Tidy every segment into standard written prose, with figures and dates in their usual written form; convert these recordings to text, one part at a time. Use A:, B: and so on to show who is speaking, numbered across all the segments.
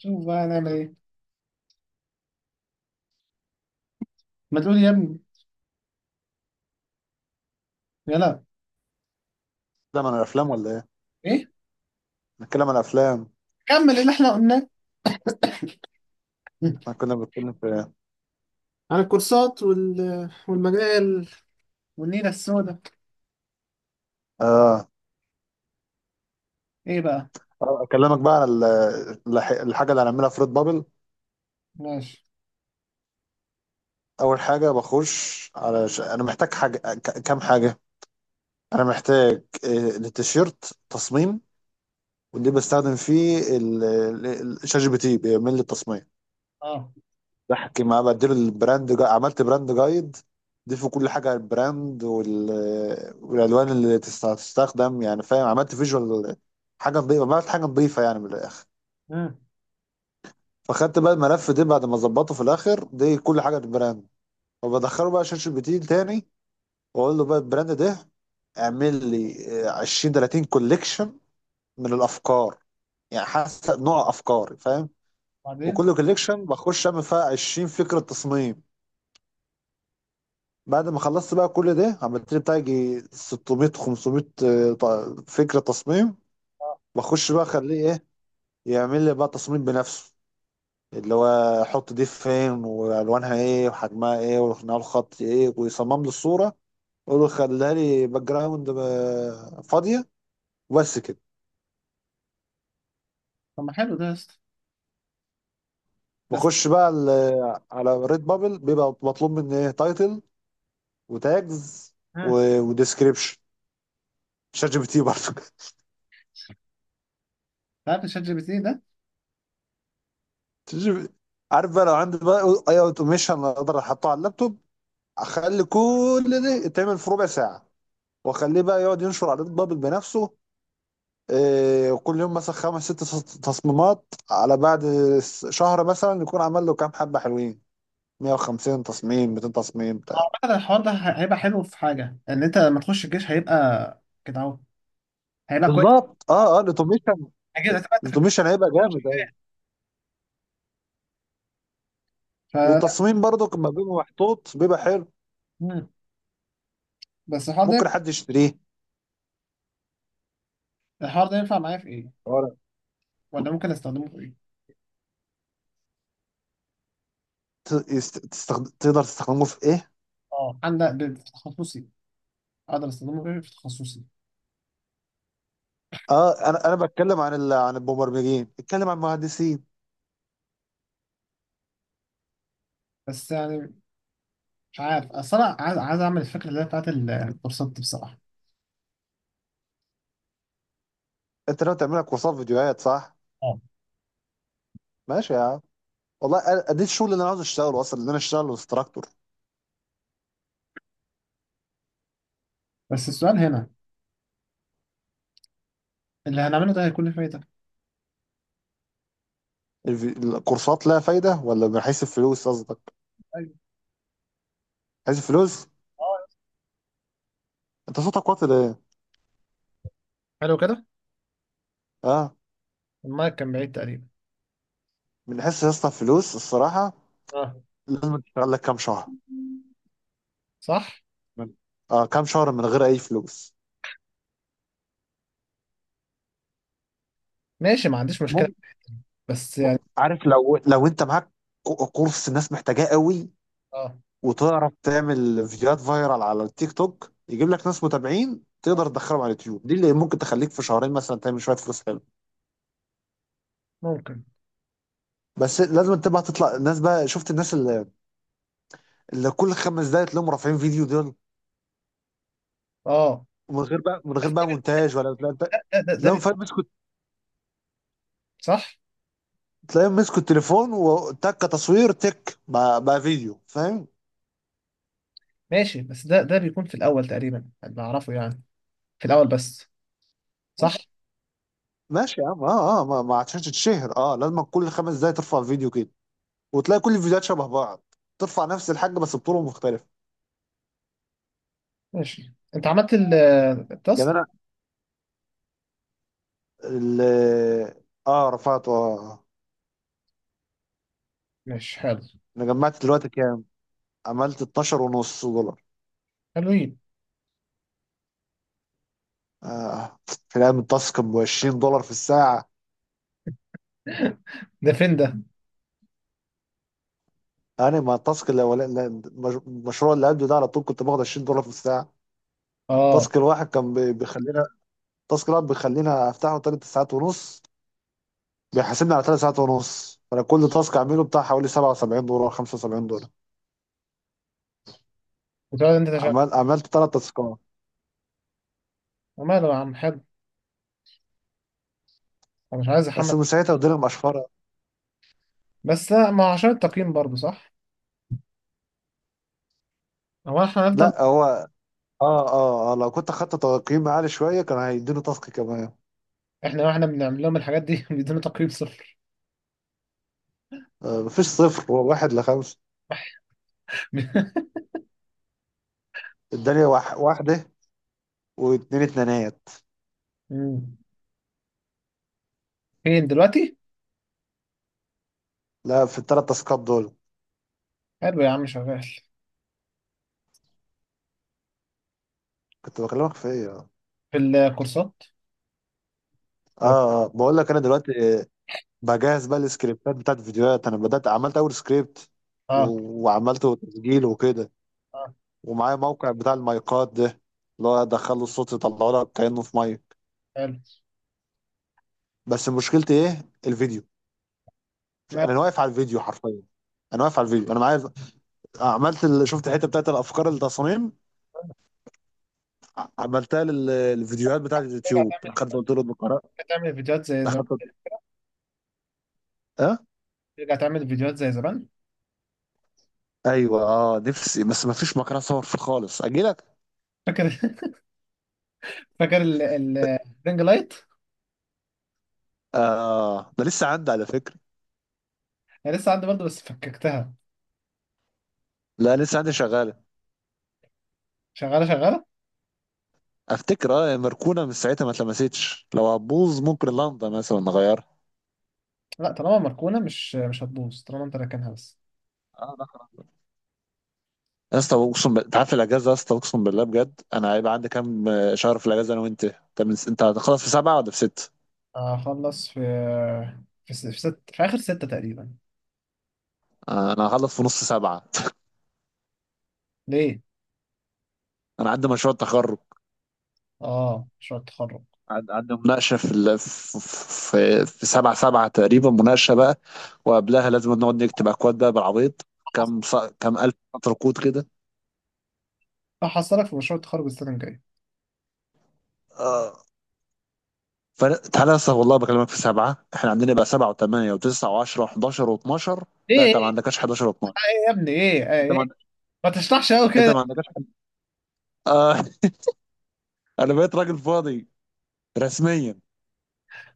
A: شوف بقى هنعمل ايه؟ ما تقول يا ابني. يلا.
B: ده من الافلام ولا ايه؟
A: ايه.
B: نتكلم عن الافلام.
A: كمل اللي احنا قلناه.
B: احنا كنا بنتكلم في ايه؟
A: عن الكورسات والمجال والنيله السوداء.
B: اه.
A: ايه بقى؟
B: اكلمك بقى على الحاجه اللي هنعملها في ريد بابل.
A: ماشي.
B: اول حاجه بخش على انا محتاج حاجه كام حاجه. انا محتاج التيشيرت تصميم. واللي بستخدم فيه شات جي بي تي بيعمل لي التصميم.
A: اه.
B: بحكي معاه بديله عملت براند جايد. دي في كل حاجه والالوان اللي تستخدم، يعني فاهم، عملت فيجوال. حاجه نظيفه عملت حاجه نظيفه، يعني من الاخر.
A: ها.
B: فخدت بقى الملف ده بعد ما ظبطه في الاخر دي كل حاجه البراند، وبدخله بقى شات جي بي تي تاني، واقول له بقى البراند ده اعمل لي 20 30 كوليكشن من الافكار، يعني حسب نوع افكاري فاهم.
A: بعدين.
B: وكل كوليكشن بخش اعمل فيها 20 فكره تصميم. بعد ما خلصت بقى كل ده عملت لي بتاع يجي 600 500 فكره تصميم. بخش بقى اخليه ايه، يعمل لي بقى تصميم بنفسه، اللي هو حط دي فين والوانها ايه وحجمها ايه وخناقه الخط ايه، ويصمم له الصوره. يقول له خليها لي باك جراوند فاضيه، وبس كده.
A: طب ما حلو ده يا اسطى. بس.
B: بخش بقى على ريد بابل بيبقى مطلوب مني ايه؟ تايتل وتاجز
A: ها انت؟
B: وديسكريبشن. شات جي بي تي برضه
A: عارف الشات جي بي تي ده؟
B: شات جي بي تي. عارف بقى لو عندي بقى اي اوتوميشن اقدر احطه على اللابتوب، اخلي كل ده يتعمل في ربع ساعه، واخليه بقى يقعد ينشر على ريد بابل بنفسه. إيه، وكل يوم مثلا خمس ست تصميمات، على بعد شهر مثلا يكون عمل له كام حبة حلوين، 150 تصميم 200 تصميم بتاع.
A: اعتقد الحوار ده هيبقى حلو في حاجه ان انت لما تخش الجيش هيبقى كده اهو. هيبقى كويس.
B: بالظبط. اه الاوتوميشن.
A: اكيد هتبقى انت في الجيش.
B: الاوتوميشن هيبقى جامد قوي.
A: فلا.
B: والتصميم برضو لما بيبقى محطوط بيبقى حلو،
A: مم. بس الحوار ده
B: ممكن حد يشتريه
A: الحوار ده ينفع معايا في ايه؟
B: ورق.
A: ولا ممكن استخدمه في ايه؟
B: تقدر تستخدمه في ايه؟
A: اه, عندك في تخصصي. اقدر استخدمه في إيه؟ في تخصصي.
B: اه، انا بتكلم عن عن المبرمجين، اتكلم عن المهندسين.
A: بس يعني. مش عارف, اصل انا عايز اعمل الفكره اللي هي بتاعت الكورسات دي بصراحه.
B: انت لو تعمل لك كورسات فيديوهات صح؟
A: اه.
B: ماشي يا عم. والله ده الشغل اللي انا عاوز اشتغله اصلا، ان انا اشتغل انستراكتور.
A: بس السؤال هنا, اللي هنعمله ده هيكون له فايده؟
B: الكورسات لها فايدة، ولا من حيث الفلوس قصدك؟
A: ايوه.
B: من حيث الفلوس؟
A: اه.
B: أنت صوتك واطي ليه؟
A: حلو كده.
B: أه.
A: المايك كان بعيد تقريبا.
B: من حيث يا اسطى الفلوس الصراحة،
A: اه.
B: لازم تشتغل لك كام شهر.
A: صح.
B: أه، كام شهر من غير أي فلوس.
A: ماشي, ما عنديش مشكله.
B: ممكن.
A: بس يعني.
B: عارف، لو أنت معاك كورس الناس محتاجاه قوي،
A: اه.
B: وتعرف تعمل فيديوهات فايرال على التيك توك يجيب لك ناس متابعين تقدر تدخلهم على اليوتيوب، دي اللي ممكن تخليك في شهرين مثلا تعمل شويه فلوس حلو.
A: ممكن.
B: بس لازم تبقى تطلع الناس بقى، شفت الناس اللي كل خمس دقايق تلاقيهم رافعين فيديو دول؟
A: اه.
B: ومن غير بقى
A: بس ده بي-
B: مونتاج ولا لا انت،
A: ده, ده, ده
B: لو
A: بي...
B: فاهم، مسكوا.
A: صح.
B: تلاقيهم مسكوا التليفون، وتك تصوير تك بقى فيديو، فاهم.
A: ماشي, بس ده بيكون في الاول تقريبا اللي اعرفه يعني. في الاول بس. صح.
B: ماشي. ماشي يا عم. اه ما عشان تتشهر لازم كل 5 دقايق ترفع فيديو كده، وتلاقي كل الفيديوهات شبه بعض، ترفع نفس الحاجه بس بطرق مختلفه.
A: ماشي, انت عملت
B: يعني
A: التاسك.
B: انا ال اه رفعت آه،
A: ماشي. حلو.
B: انا جمعت دلوقتي كام؟ عملت 12 ونص دولار.
A: حلوين.
B: آه. في الايام التاسك ب 20 دولار في الساعه.
A: ده فين ده؟
B: انا، ما التاسك الاولاني، لا، المشروع اللي قبله ده على طول كنت باخد 20 دولار في الساعه.
A: اه.
B: تاسك الواحد كان بيخلينا، التاسك الواحد بيخلينا افتحه 3 ساعات ونص، بيحاسبني على 3 ساعات ونص، فانا كل تاسك اعمله بتاع حوالي 77 دولار 75 دولار.
A: وتقعد انت تشغل.
B: عملت 3 تاسكات.
A: ماله يا عم, حلو. انا مش عايز احمل.
B: بس من ساعتها اديله مقشفره.
A: بس لا, ما هو عشان التقييم برضه صح. هو احنا هنفضل.
B: لا هو اه. اه لو كنت اخدت تقييم عالي شويه كان هيديله تاسك كمان.
A: احنا بنعمل لهم الحاجات دي. بيدونا تقييم صفر.
B: آه، مفيش صفر، هو واحد لخمسه. اداني واحده واتنين اتنينات.
A: مم. فين دلوقتي؟
B: لا، في الـ3 تاسكات دول.
A: حلو يا عم, شغال.
B: كنت بكلمك في ايه؟
A: في الكورسات و...
B: بقول لك انا دلوقتي بجهز بقى السكريبتات بتاعت الفيديوهات. انا بدات عملت اول سكريبت
A: اه
B: وعملته تسجيل وكده.
A: اه.
B: ومعايا موقع بتاع المايكات ده، اللي هو ادخله الصوت يطلعه لك كانه في مايك.
A: حلو.
B: بس مشكلتي ايه؟ الفيديو.
A: ما
B: انا واقف على الفيديو حرفيا. انا واقف على الفيديو، انا معايا، عملت شفت الحته بتاعت الافكار التصاميم، عملتها للفيديوهات بتاعت
A: ترجع
B: اليوتيوب.
A: تعمل
B: دخلت قلت له الدكتور،
A: تعمل فيديوهات زي زمان.
B: دخلت قلت- اه.
A: ترجع تعمل فيديوهات زي زمان.
B: ايوه، اه، نفسي، بس ما فيش مكان اصور فيه خالص. اجي لك.
A: فاكر؟ فاكر الرينج لايت.
B: اه، ده لسه عندي على فكره.
A: انا لسه عندي برضه بس فككتها.
B: لا لسه عندي شغال.
A: شغاله شغاله.
B: افتكر مركونه من ساعتها ما اتلمستش. لو هتبوظ ممكن لندا مثلا نغيرها.
A: لا, طالما مركونه مش هتبوظ, طالما انت راكنها بس.
B: اه لا خلاص. يا اسطى اقسم انت عارف الاجازه، يا اسطى اقسم بالله بجد، انا هيبقى عندي كام شهر في الاجازه انا وانت. انت هتخلص في 7 ولا في 6؟
A: هخلص في, في س- في ست في اخر ستة تقريبا.
B: آه، انا هخلص في نص 7.
A: ليه؟
B: انا عندي مشروع تخرج.
A: اه, مشروع التخرج.
B: عدى مناقشه في 7 7 تقريبا مناقشه بقى، وقبلها لازم نقعد نكتب اكواد بقى بالعبيط. كام الف ركود
A: هحصلك في مشروع التخرج السنة الجاية.
B: كده. تعالى لسه والله بكلمك في 7، احنا عندنا بقى 7 و8 و9 و10 و11 و12.
A: ايه
B: لا،
A: ايه.
B: انت ما عندكش 11 و12.
A: ايه يا ابني, ايه
B: انت
A: ايه,
B: ما
A: إيه؟
B: عند-
A: ما تشرحش قوي
B: انت
A: كده.
B: ما عندكش حد... اه انا بقيت راجل فاضي رسميا.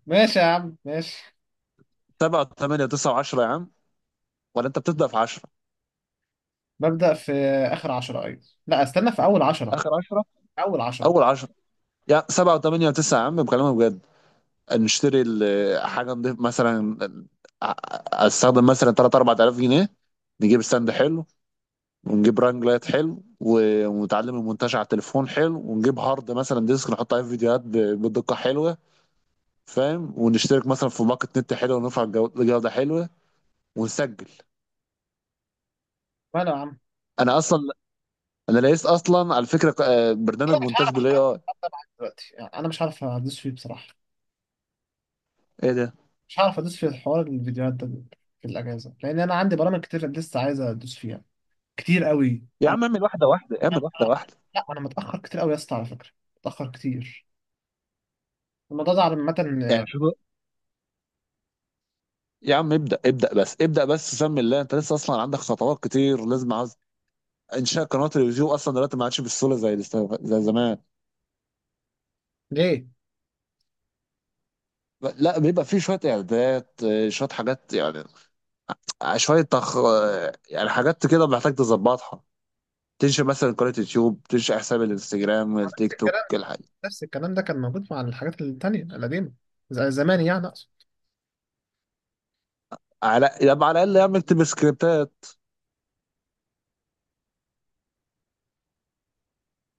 A: ماشي يا عم, ماشي.
B: سبعه وثمانيه وتسعه و10، يا عم. ولا انت بتبدا في 10،
A: ببدأ في, آخر عشرة, أيوة. لا, استنى, في أول عشرة.
B: اخر 10؟
A: أول عشرة.
B: اول 10. يا 7 و8 و9، يا عم بكلمك بجد، نشتري حاجه نضيف مثلا، استخدم مثلا 3 4000 جنيه، نجيب ستاند حلو، ونجيب رانج لايت حلو، ونتعلم المونتاج على التليفون حلو، ونجيب هارد مثلا ديسك نحط عليه فيديوهات بدقة حلوة، فاهم، ونشترك مثلا في باقة نت حلوة، ونرفع الجودة حلوة، ونسجل.
A: ماله يا عم.
B: انا اصلا انا لقيت اصلا على فكرة، برنامج
A: أنا مش
B: مونتاج
A: هعرف
B: بالاي
A: أحضر
B: اي.
A: أحضر معاك دلوقتي يعني. أنا مش هعرف أدوس فيه بصراحة.
B: ايه ده؟
A: مش هعرف أدوس في الحوار الفيديوهات ده في الأجازة, لأن أنا عندي برامج كتير لسه عايز أدوس فيها. كتير قوي
B: يا
A: أنا.
B: عم اعمل واحدة واحدة، اعمل واحدة واحدة.
A: لا, أنا متأخر كتير قوي يا اسطى على فكرة. متأخر كتير. الموضوع ده عامة.
B: يعني شوف يا عم، ابدأ ابدأ بس، ابدأ بس سمي الله، انت لسه اصلا عندك خطوات كتير لازم عاوز. انشاء قناة اليوتيوب اصلا دلوقتي ما عادش بالسهولة زي زمان.
A: ليه؟
B: لا، بيبقى فيه شويه اعدادات، شويه حاجات، يعني شوية تخ... يعني حاجات كده محتاج تظبطها. تنشئ مثلا قناة يوتيوب، تنشئ حساب الانستجرام التيك توك الحاجة.
A: نفس الكلام ده كان موجود مع الحاجات التانية القديمة, زي زمان يعني أقصد.
B: يبقى على الأقل يعمل تبقى سكريبتات.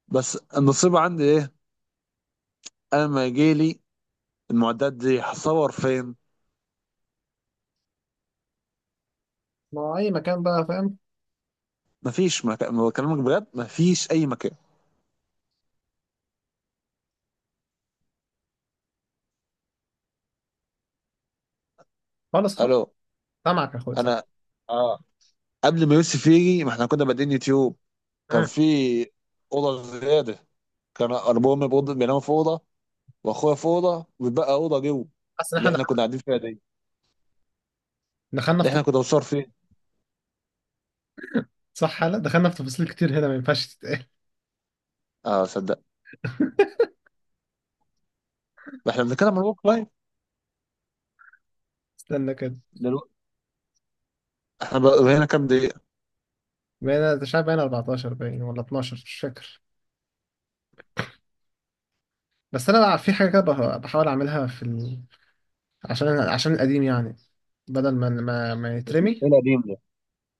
B: بس النصيب عندي إيه؟ أنا ما يجيلي، المعدات دي هصور فين؟
A: ما هو أي مكان بقى فاهم.
B: مفيش مكان بكلمك بجد، مفيش أي مكان.
A: خالص خالص.
B: ألو؟
A: سامعك يا أخويا,
B: أنا،
A: سامعك.
B: اه، قبل ما يوسف يجي ما احنا كنا بادئين يوتيوب. كان
A: مم.
B: في أوضة زيادة. كان أبويا بيناموا في أوضة، وأخويا في أوضة، وبقى أوضة جوه
A: حاسس إن
B: اللي احنا كنا قاعدين فيها دي.
A: دخلنا في
B: ده احنا كنا بنصور فين؟
A: صح. لا, دخلنا في تفاصيل كتير هنا ما ينفعش تتقال.
B: اه صدق. ما احنا بنتكلم عن الورك لايف
A: استنى كده.
B: دلوقتي. احنا بقى هنا كام دقيقة؟
A: بقينا مش عارف, بقينا 14 باين ولا 12, مش فاكر. بس أنا بقى في حاجة كده بحاول أعملها في عشان القديم يعني. بدل ما يترمي,
B: ايه القديم ده؟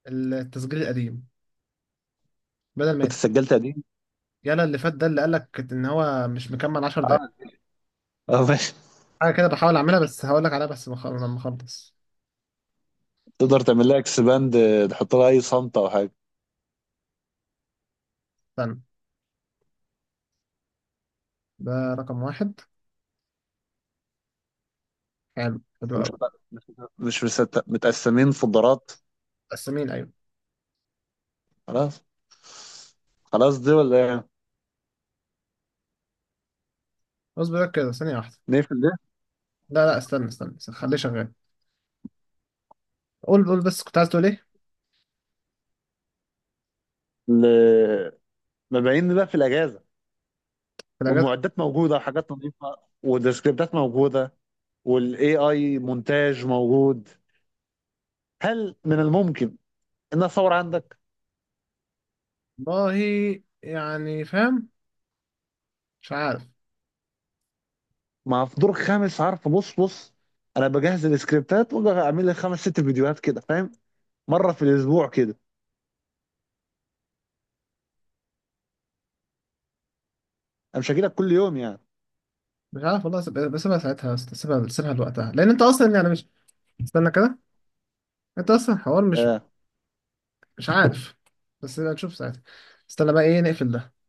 A: التسجيل القديم, بدل ما
B: كنت
A: يترمي.
B: سجلت قديم؟
A: يلا اللي فات ده اللي قالك إن هو مش مكمل 10 دقايق.
B: اه. اه ماشي.
A: حاجة كده بحاول أعملها, بس هقول لك عليها بس لما أخلص.
B: تقدر تعمل لها اكس باند، تحط لها اي صمتة او حاجة.
A: استنى. ده. رقم واحد. حلو حلو
B: ومش
A: أوي.
B: مت... مش مش مست... متقسمين فولدرات.
A: قسمين أيوة.
B: خلاص. خلاص، دي ولا ايه؟
A: اصبر بقى كده, ثانية واحدة.
B: نقفل ده؟
A: لا لا, استنى استنى, استنى. خليه شغال. قول قول, بس كنت عايز تقول إيه؟
B: ل- مبيعين بقى في الاجازة،
A: في الأجازة.
B: والمعدات موجودة وحاجات نظيفة، والسكريبتات موجودة، والاي اي مونتاج موجود. هل من الممكن ان اصور عندك؟
A: والله. يعني فاهم. مش عارف.
B: مع، في دور خامس، عارف، بص بص، انا بجهز السكريبتات واجي اعمل لي خمس ست فيديوهات كده فاهم، مره في الاسبوع كده. انا مش هجيلك كل يوم يعني.
A: مش عارف والله, بسيبها ساعتها, بس بسيبها لوقتها, لأن أنت أصلا يعني مش. استنى كده. أنت أصلا حوار مش.
B: آه.
A: مش عارف. بس نبقى نشوف ساعتها. استنى بقى إيه, نقفل ده؟